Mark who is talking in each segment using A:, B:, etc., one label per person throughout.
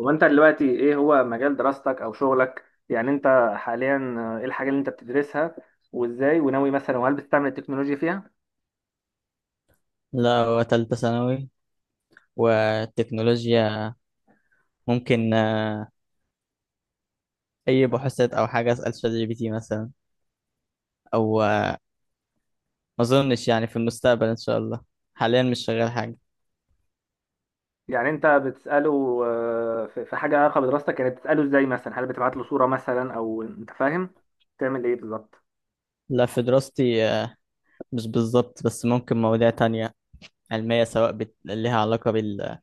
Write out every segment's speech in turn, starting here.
A: هو انت دلوقتي ايه هو مجال دراستك او شغلك؟ يعني انت حاليا، ايه الحاجه اللي انت بتدرسها؟ وازاي؟ وناوي مثلا؟ وهل بتستعمل التكنولوجيا فيها؟
B: لا، هو تالتة ثانوي. والتكنولوجيا ممكن، أي بحوثات أو حاجة أسأل شات جي بي تي مثلا. أو ما أظنش يعني، في المستقبل إن شاء الله. حاليا مش شغال حاجة.
A: يعني انت بتساله، في حاجه علاقه بدراستك؟ يعني بتساله ازاي مثلا؟ هل بتبعت له صوره مثلا او انت فاهم تعمل ايه بالظبط؟
B: لا، في دراستي، مش بالظبط، بس ممكن مواضيع تانية علمية، سواء ليها علاقة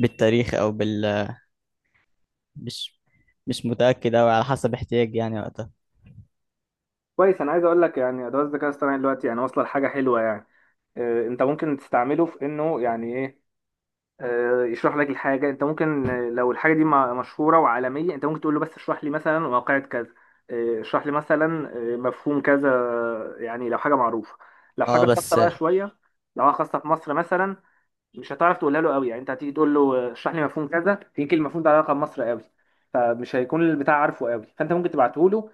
B: بالتاريخ، أو مش مش متأكد أوي، على حسب احتياجي يعني وقتها.
A: كويس، انا عايز اقول لك يعني ادوات الذكاء الاصطناعي دلوقتي يعني واصله لحاجه حلوه يعني. انت ممكن تستعمله في انه يعني ايه، يشرح لك الحاجة. انت ممكن، لو الحاجة دي مشهورة وعالمية انت ممكن تقول له بس اشرح لي مثلا واقعة كذا، اشرح لي مثلا، مفهوم كذا. يعني لو حاجة معروفة. لو
B: اه
A: حاجة خاصة
B: بس،
A: بقى شوية، لو حاجة خاصة في مصر مثلا مش هتعرف تقولها له قوي. يعني انت هتيجي تقول له، اشرح لي مفهوم كذا، يمكن المفهوم ده علاقة بمصر قوي، فمش هيكون البتاع عارفه قوي. فانت ممكن تبعته له،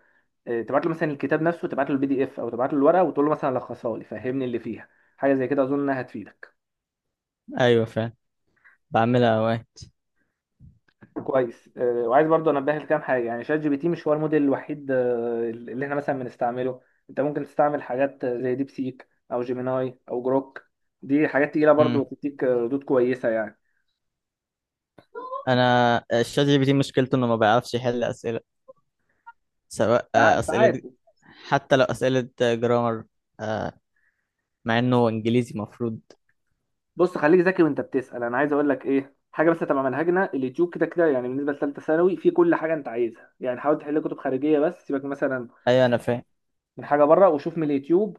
A: تبعت له مثلا الكتاب نفسه، تبعت له PDF، او تبعت له الورقة وتقول له مثلا لخصها لي، فهمني اللي فيها. حاجة زي كده اظن انها هتفيدك.
B: أيوة فعلا، بعملها أوقات.
A: كويس، وعايز برضه انبه لكام حاجه. يعني شات جي بي تي مش هو الموديل الوحيد اللي احنا مثلا بنستعمله. انت ممكن تستعمل حاجات زي ديب سيك او جيميناي او جروك. دي حاجات تقيله برضه
B: مم.
A: وتديك ردود كويسه يعني.
B: أنا الشات جي بي تي مشكلته إنه ما بيعرفش يحل أسئلة، سواء
A: ساعات.
B: أسئلة، حتى لو أسئلة جرامر، مع إنه إنجليزي مفروض.
A: بص، خليك ذكي وانت بتسال. انا عايز اقول لك ايه حاجه بس، تبع منهجنا اليوتيوب كده كده. يعني بالنسبه لثالثه ثانوي في كل حاجه انت عايزها. يعني حاول تحل كتب خارجيه بس، سيبك مثلا
B: أيوة، أنا فاهم.
A: من حاجه بره، وشوف من اليوتيوب،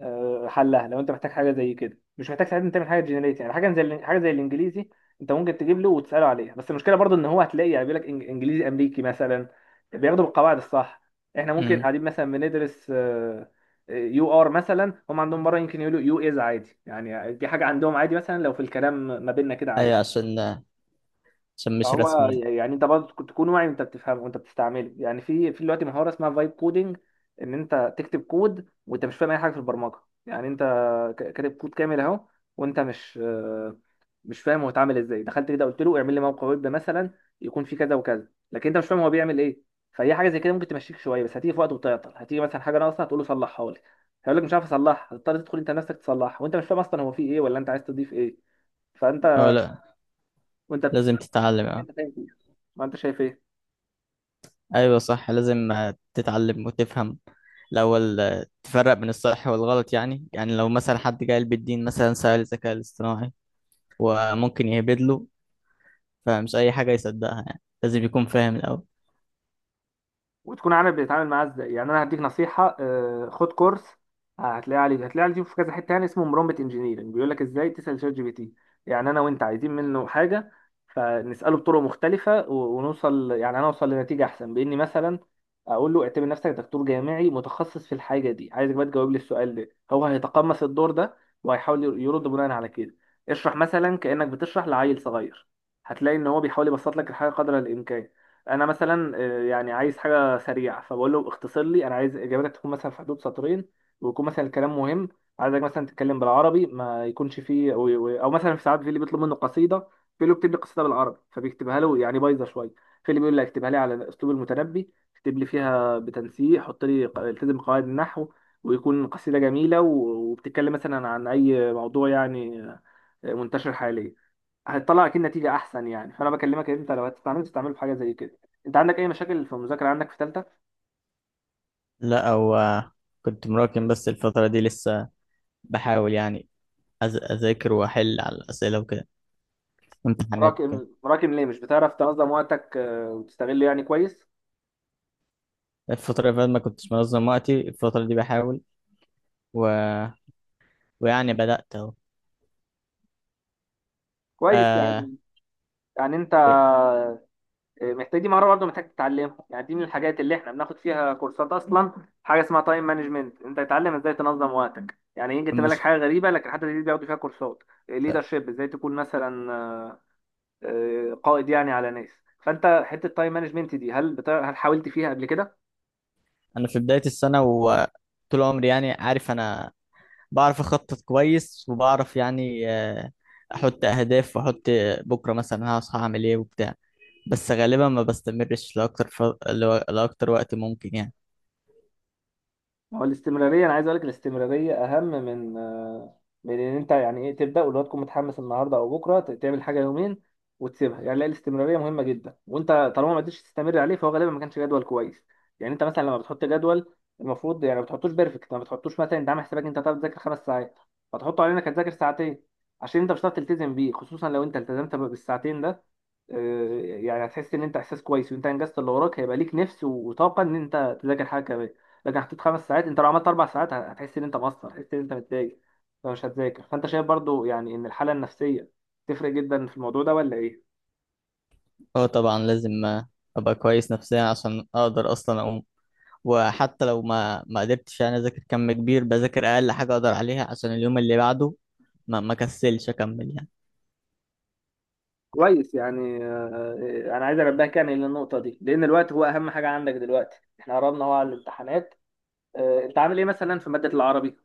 A: حلها. لو انت محتاج حاجه زي كده، مش محتاج ساعتها تعمل حاجه جنريت. يعني حاجه زي الانجليزي، انت ممكن تجيب له وتساله عليها. بس المشكله برضو ان هو هتلاقي يعني بيقول لك انجليزي امريكي مثلا، بياخدوا بالقواعد الصح. احنا ممكن
B: أمم،
A: قاعدين مثلا بندرس يو ار مثلا، هم عندهم بره يمكن يقولوا يو از عادي. يعني دي حاجه عندهم عادي، مثلا لو في الكلام ما بيننا كده
B: أيوة،
A: عادي.
B: عشان مش رسمي
A: هو
B: يعني.
A: يعني انت برضه تكون واعي وانت بتفهمه وانت بتستعمله. يعني في دلوقتي مهاره اسمها فايب كودنج، ان انت تكتب كود وانت مش فاهم اي حاجه في البرمجه. يعني انت كاتب كود كامل اهو، وانت مش فاهم هو اتعمل ازاي. دخلت كده قلت له اعمل لي موقع ويب مثلا يكون فيه كذا وكذا، لكن انت مش فاهم هو بيعمل ايه. فهي حاجه زي كده ممكن تمشيك شويه، بس هتيجي في وقت وتعطل، هتيجي مثلا حاجه ناقصه هتقول له صلحها لي، هيقول لك مش عارف اصلحها، هتضطر تدخل انت نفسك تصلحها وانت مش فاهم اصلا هو فيه ايه ولا انت عايز تضيف ايه. فانت
B: لا،
A: وانت
B: لازم
A: بتستعمل
B: تتعلم،
A: حاجه
B: أه.
A: انت فاهم فيها. ما انت شايف ايه؟
B: أيوة صح، لازم تتعلم وتفهم الأول. تفرق بين الصح والغلط. يعني لو مثلا حد جاي بالدين مثلا سأل الذكاء الاصطناعي وممكن يهبد له، فمش أي حاجة يصدقها يعني، لازم يكون فاهم الأول.
A: وتكون عارف بتتعامل معاه ازاي. يعني انا هديك نصيحه، خد كورس، هتلاقيه عليه في كذا حته، تاني اسمه برومبت انجينيرنج، بيقول لك ازاي تسال شات جي بي تي. يعني انا وانت عايزين منه حاجه، فنساله بطرق مختلفه ونوصل، يعني انا اوصل لنتيجه احسن باني مثلا اقول له اعتبر نفسك دكتور جامعي متخصص في الحاجه دي، عايزك بقى تجاوب لي السؤال ده. هو هيتقمص الدور ده وهيحاول يرد بناء على كده. اشرح مثلا كانك بتشرح لعيل صغير، هتلاقي ان هو بيحاول يبسط لك الحاجه قدر الامكان. انا مثلا، يعني عايز حاجه سريعه فبقول له اختصر لي، انا عايز اجابتك تكون مثلا في حدود سطرين، ويكون مثلا الكلام مهم، عايزك مثلا تتكلم بالعربي ما يكونش فيه أو مثلا. في ساعات في اللي بيطلب منه قصيده، في اللي بيكتب لي قصيده بالعربي فبيكتبها له يعني بايظه شويه، في اللي بيقول لي اكتبها لي على اسلوب المتنبي، اكتب لي فيها بتنسيق، حط لي التزم قواعد النحو، ويكون قصيده جميله وبتتكلم مثلا عن اي موضوع يعني منتشر حاليا. هتطلع اكيد نتيجه احسن. يعني فانا بكلمك ان انت لو هتستعمل تستعمله في حاجه زي كده. انت عندك اي مشاكل في المذاكره عندك في ثالثه؟
B: لا، أو آه، كنت مراكم، بس الفترة دي لسه بحاول يعني، اذاكر واحل على الاسئله وكده، امتحانات وكده.
A: راكم راكم ليه؟ مش بتعرف تنظم وقتك وتستغله يعني كويس؟
B: الفتره اللي فاتت ما كنتش منظم وقتي. الفتره دي بحاول، و... ويعني بدات اهو،
A: كويس
B: آه...
A: يعني انت، محتاج، دي مهاره برضه محتاج تتعلمها. يعني دي من الحاجات اللي احنا بناخد فيها كورسات اصلا، حاجه اسمها تايم مانجمنت، انت تتعلم ازاي تنظم وقتك. يعني يجي تملك
B: المشكله،
A: حاجه غريبه لكن حتى دي بياخدوا فيها كورسات. ليدرشيب، ازاي تكون مثلا قائد يعني على ناس. فانت حته تايم مانجمنت دي، هل حاولت فيها قبل كده؟
B: انا في بدايه السنه وطول عمري يعني، عارف انا بعرف اخطط كويس، وبعرف يعني احط اهداف، واحط بكره مثلا هصحى اعمل ايه وبتاع. بس غالبا ما بستمرش لاكتر، لاكتر وقت ممكن يعني.
A: ما هو الاستمرارية. أنا عايز أقول لك الاستمرارية أهم من إن أنت يعني إيه تبدأ، واللي هو تكون متحمس النهاردة أو بكرة تعمل حاجة يومين وتسيبها. يعني لا، الاستمرارية مهمة جدا، وأنت طالما ما قدرتش تستمر عليه فهو غالبا ما كانش جدول كويس. يعني أنت مثلا لما بتحط جدول المفروض يعني ما بتحطوش بيرفكت، ما بتحطوش مثلا أنت عامل حسابك أنت هتقعد تذاكر 5 ساعات فتحطه علينا إنك هتذاكر ساعتين، عشان أنت مش هتعرف تلتزم بيه. خصوصا لو أنت التزمت بالساعتين ده، يعني هتحس إن أنت إحساس كويس وأنت أنجزت اللي وراك، هيبقى ليك نفس وطاقة إن أنت تذاكر حاجة كمان. لكن حطيت 5 ساعات، انت لو عملت 4 ساعات هتحس ان انت مقصر، هتحس ان انت متضايق فمش هتذاكر. فانت شايف برضو يعني ان الحاله النفسيه تفرق جدا في الموضوع ده ولا ايه؟
B: اه طبعا، لازم ابقى كويس نفسيا عشان اقدر اصلا اقوم. وحتى لو ما قدرتش يعني اذاكر كم كبير، بذاكر اقل حاجه اقدر عليها، عشان اليوم اللي بعده ما كسلش اكمل يعني.
A: كويس يعني. انا عايز انبهك يعني للنقطه دي، لان الوقت هو اهم حاجه عندك دلوقتي، احنا قربنا هو على الامتحانات. انت عامل ايه مثلا في ماده العربي؟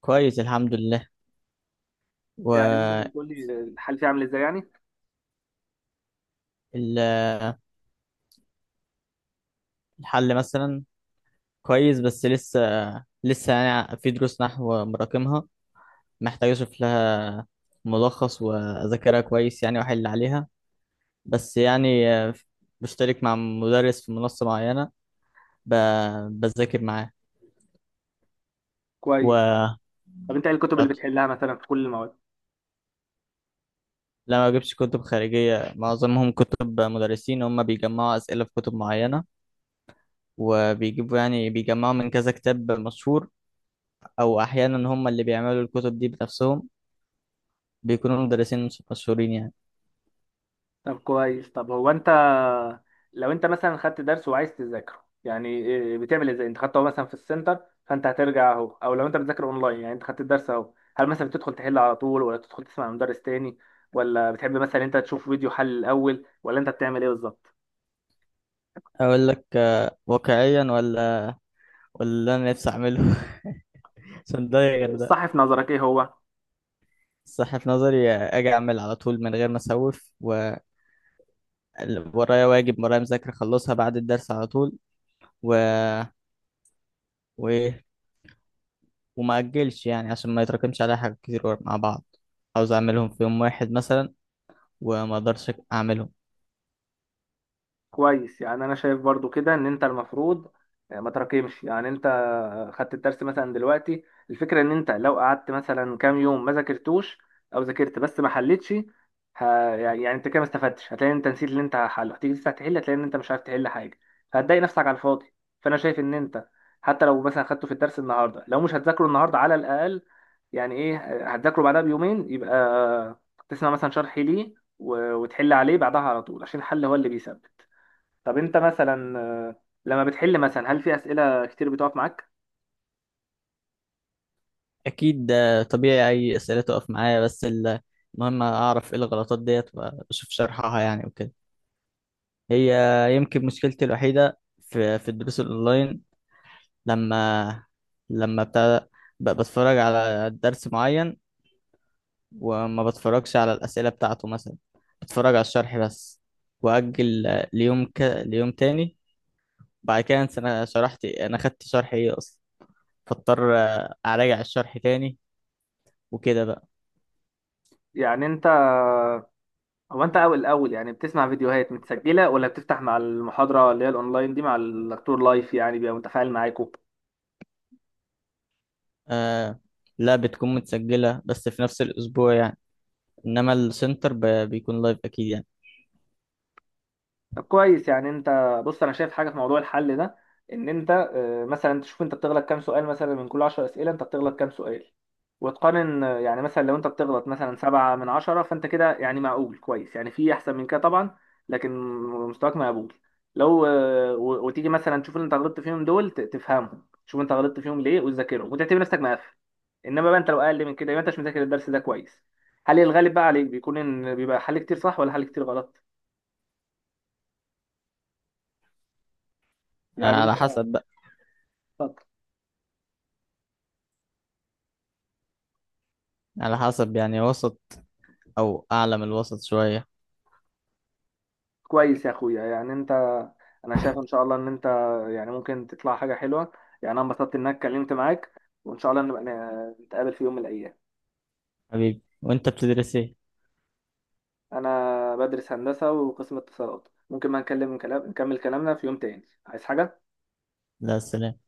B: كويس، الحمد لله.
A: يعني ممكن
B: والحل
A: تقول لي الحل فيها عامل ازاي يعني؟
B: مثلا كويس، بس لسه يعني في دروس نحو مراكمها، محتاج اشوف لها ملخص واذاكرها كويس يعني، واحل عليها. بس يعني بشترك مع مدرس في منصه معينه، بذاكر معاه.
A: كويس.
B: و
A: طب انت ايه الكتب اللي بتحلها مثلا في كل المواد؟
B: لا، ما بجيبش كتب خارجية، معظمهم كتب مدرسين، هم بيجمعوا أسئلة في كتب معينة، وبيجيبوا يعني بيجمعوا من كذا كتاب مشهور، أو أحيانا هم اللي بيعملوا الكتب دي بنفسهم، بيكونوا مدرسين مش مشهورين يعني.
A: طب كويس. طب هو انت لو انت مثلا خدت درس وعايز تذاكره يعني إيه بتعمل ازاي؟ انت خدته مثلا في السنتر، فانت هترجع اهو، او لو انت بتذاكر اونلاين يعني انت خدت الدرس اهو، هل مثلا بتدخل تحل على طول، ولا تدخل تسمع من مدرس تاني، ولا بتحب مثلا انت تشوف فيديو حل الاول، ولا انت بتعمل ايه بالظبط؟
B: أقول لك واقعيا ولا اللي أنا نفسي أعمله عشان ده غير ده.
A: الصح في نظرك ايه هو؟
B: الصح في نظري، أجي أعمل على طول من غير ما أسوف ورايا، واجب ورايا مذاكرة أخلصها بعد الدرس على طول، و... وإيه، وما أجلش يعني، عشان ما يتراكمش عليا حاجات كتير مع بعض. عاوز أعملهم في يوم واحد مثلا، وما أقدرش أعملهم.
A: كويس. يعني انا شايف برضو كده ان انت المفروض ما تراكمش. يعني انت خدت الدرس مثلا دلوقتي، الفكره ان انت لو قعدت مثلا كام يوم ما ذاكرتوش، او ذاكرت بس ما حلتش، ه... يعني انت كده ما استفدتش. هتلاقي إن انت نسيت اللي انت حله، هتيجي تفتح تحل هتلاقي ان انت مش عارف تحل حاجه، فهتضايق نفسك على الفاضي. فانا شايف ان انت حتى لو مثلا خدته في الدرس النهارده، لو مش هتذاكره النهارده على الاقل يعني ايه هتذاكره بعدها بيومين، يبقى تسمع مثلا شرح ليه وتحل عليه بعدها على طول، عشان الحل هو اللي بيثبت. طب انت مثلا، لما بتحل مثلا هل في اسئله كتير بتقف معاك؟
B: أكيد ده طبيعي، أي أسئلة تقف معايا، بس المهم أعرف إيه الغلطات ديت، وأشوف شرحها يعني وكده. هي يمكن مشكلتي الوحيدة في الدروس الأونلاين، لما لما بتاع، بتفرج على درس معين، وما بتفرجش على الأسئلة بتاعته مثلا، بتفرج على الشرح بس، وأجل ليوم ليوم تاني. بعد كده، انا خدت شرح ايه اصلا، فاضطر اراجع الشرح تاني، وكده بقى.
A: يعني انت، هو انت اول الاول يعني بتسمع فيديوهات متسجله، ولا بتفتح مع المحاضره اللي هي الاونلاين دي مع الدكتور لايف يعني بيبقى متفاعل معاكوا؟
B: آه، لا، بتكون متسجلة، بس في نفس الاسبوع يعني. انما السنتر بيكون لايف اكيد يعني.
A: طب كويس. يعني انت، بص، انا شايف حاجه في موضوع الحل ده، ان انت مثلا تشوف انت بتغلط كام سؤال. مثلا من كل 10 اسئله انت بتغلط كام سؤال، وتقارن. يعني مثلا لو انت بتغلط مثلا 7 من 10 فانت كده يعني معقول كويس، يعني في احسن من كده طبعا، لكن مستواك مقبول. لو وتيجي مثلا تشوف اللي انت غلطت فيهم دول تفهمهم، تشوف انت غلطت فيهم ليه وتذاكرهم وتعتبر نفسك مقفل. انما بقى انت لو اقل من كده يبقى انت مش مذاكر الدرس ده كويس. هل الغالب بقى عليك بيكون ان بيبقى حل كتير صح ولا حل كتير غلط
B: آه،
A: يعني؟
B: على حسب بقى،
A: انت،
B: على حسب يعني، وسط، او اعلى من الوسط شوية.
A: كويس يا اخويا. يعني انت، انا شايف ان شاء الله ان انت يعني ممكن تطلع حاجه حلوه. يعني انا انبسطت انك اتكلمت معاك، وان شاء الله نبقى نتقابل في يوم من الايام.
B: حبيبي، وانت بتدرس ايه؟
A: انا بدرس هندسه وقسم اتصالات. ممكن ما نكلم كلام نكمل كلامنا في يوم تاني، عايز حاجه؟
B: لا، سلام.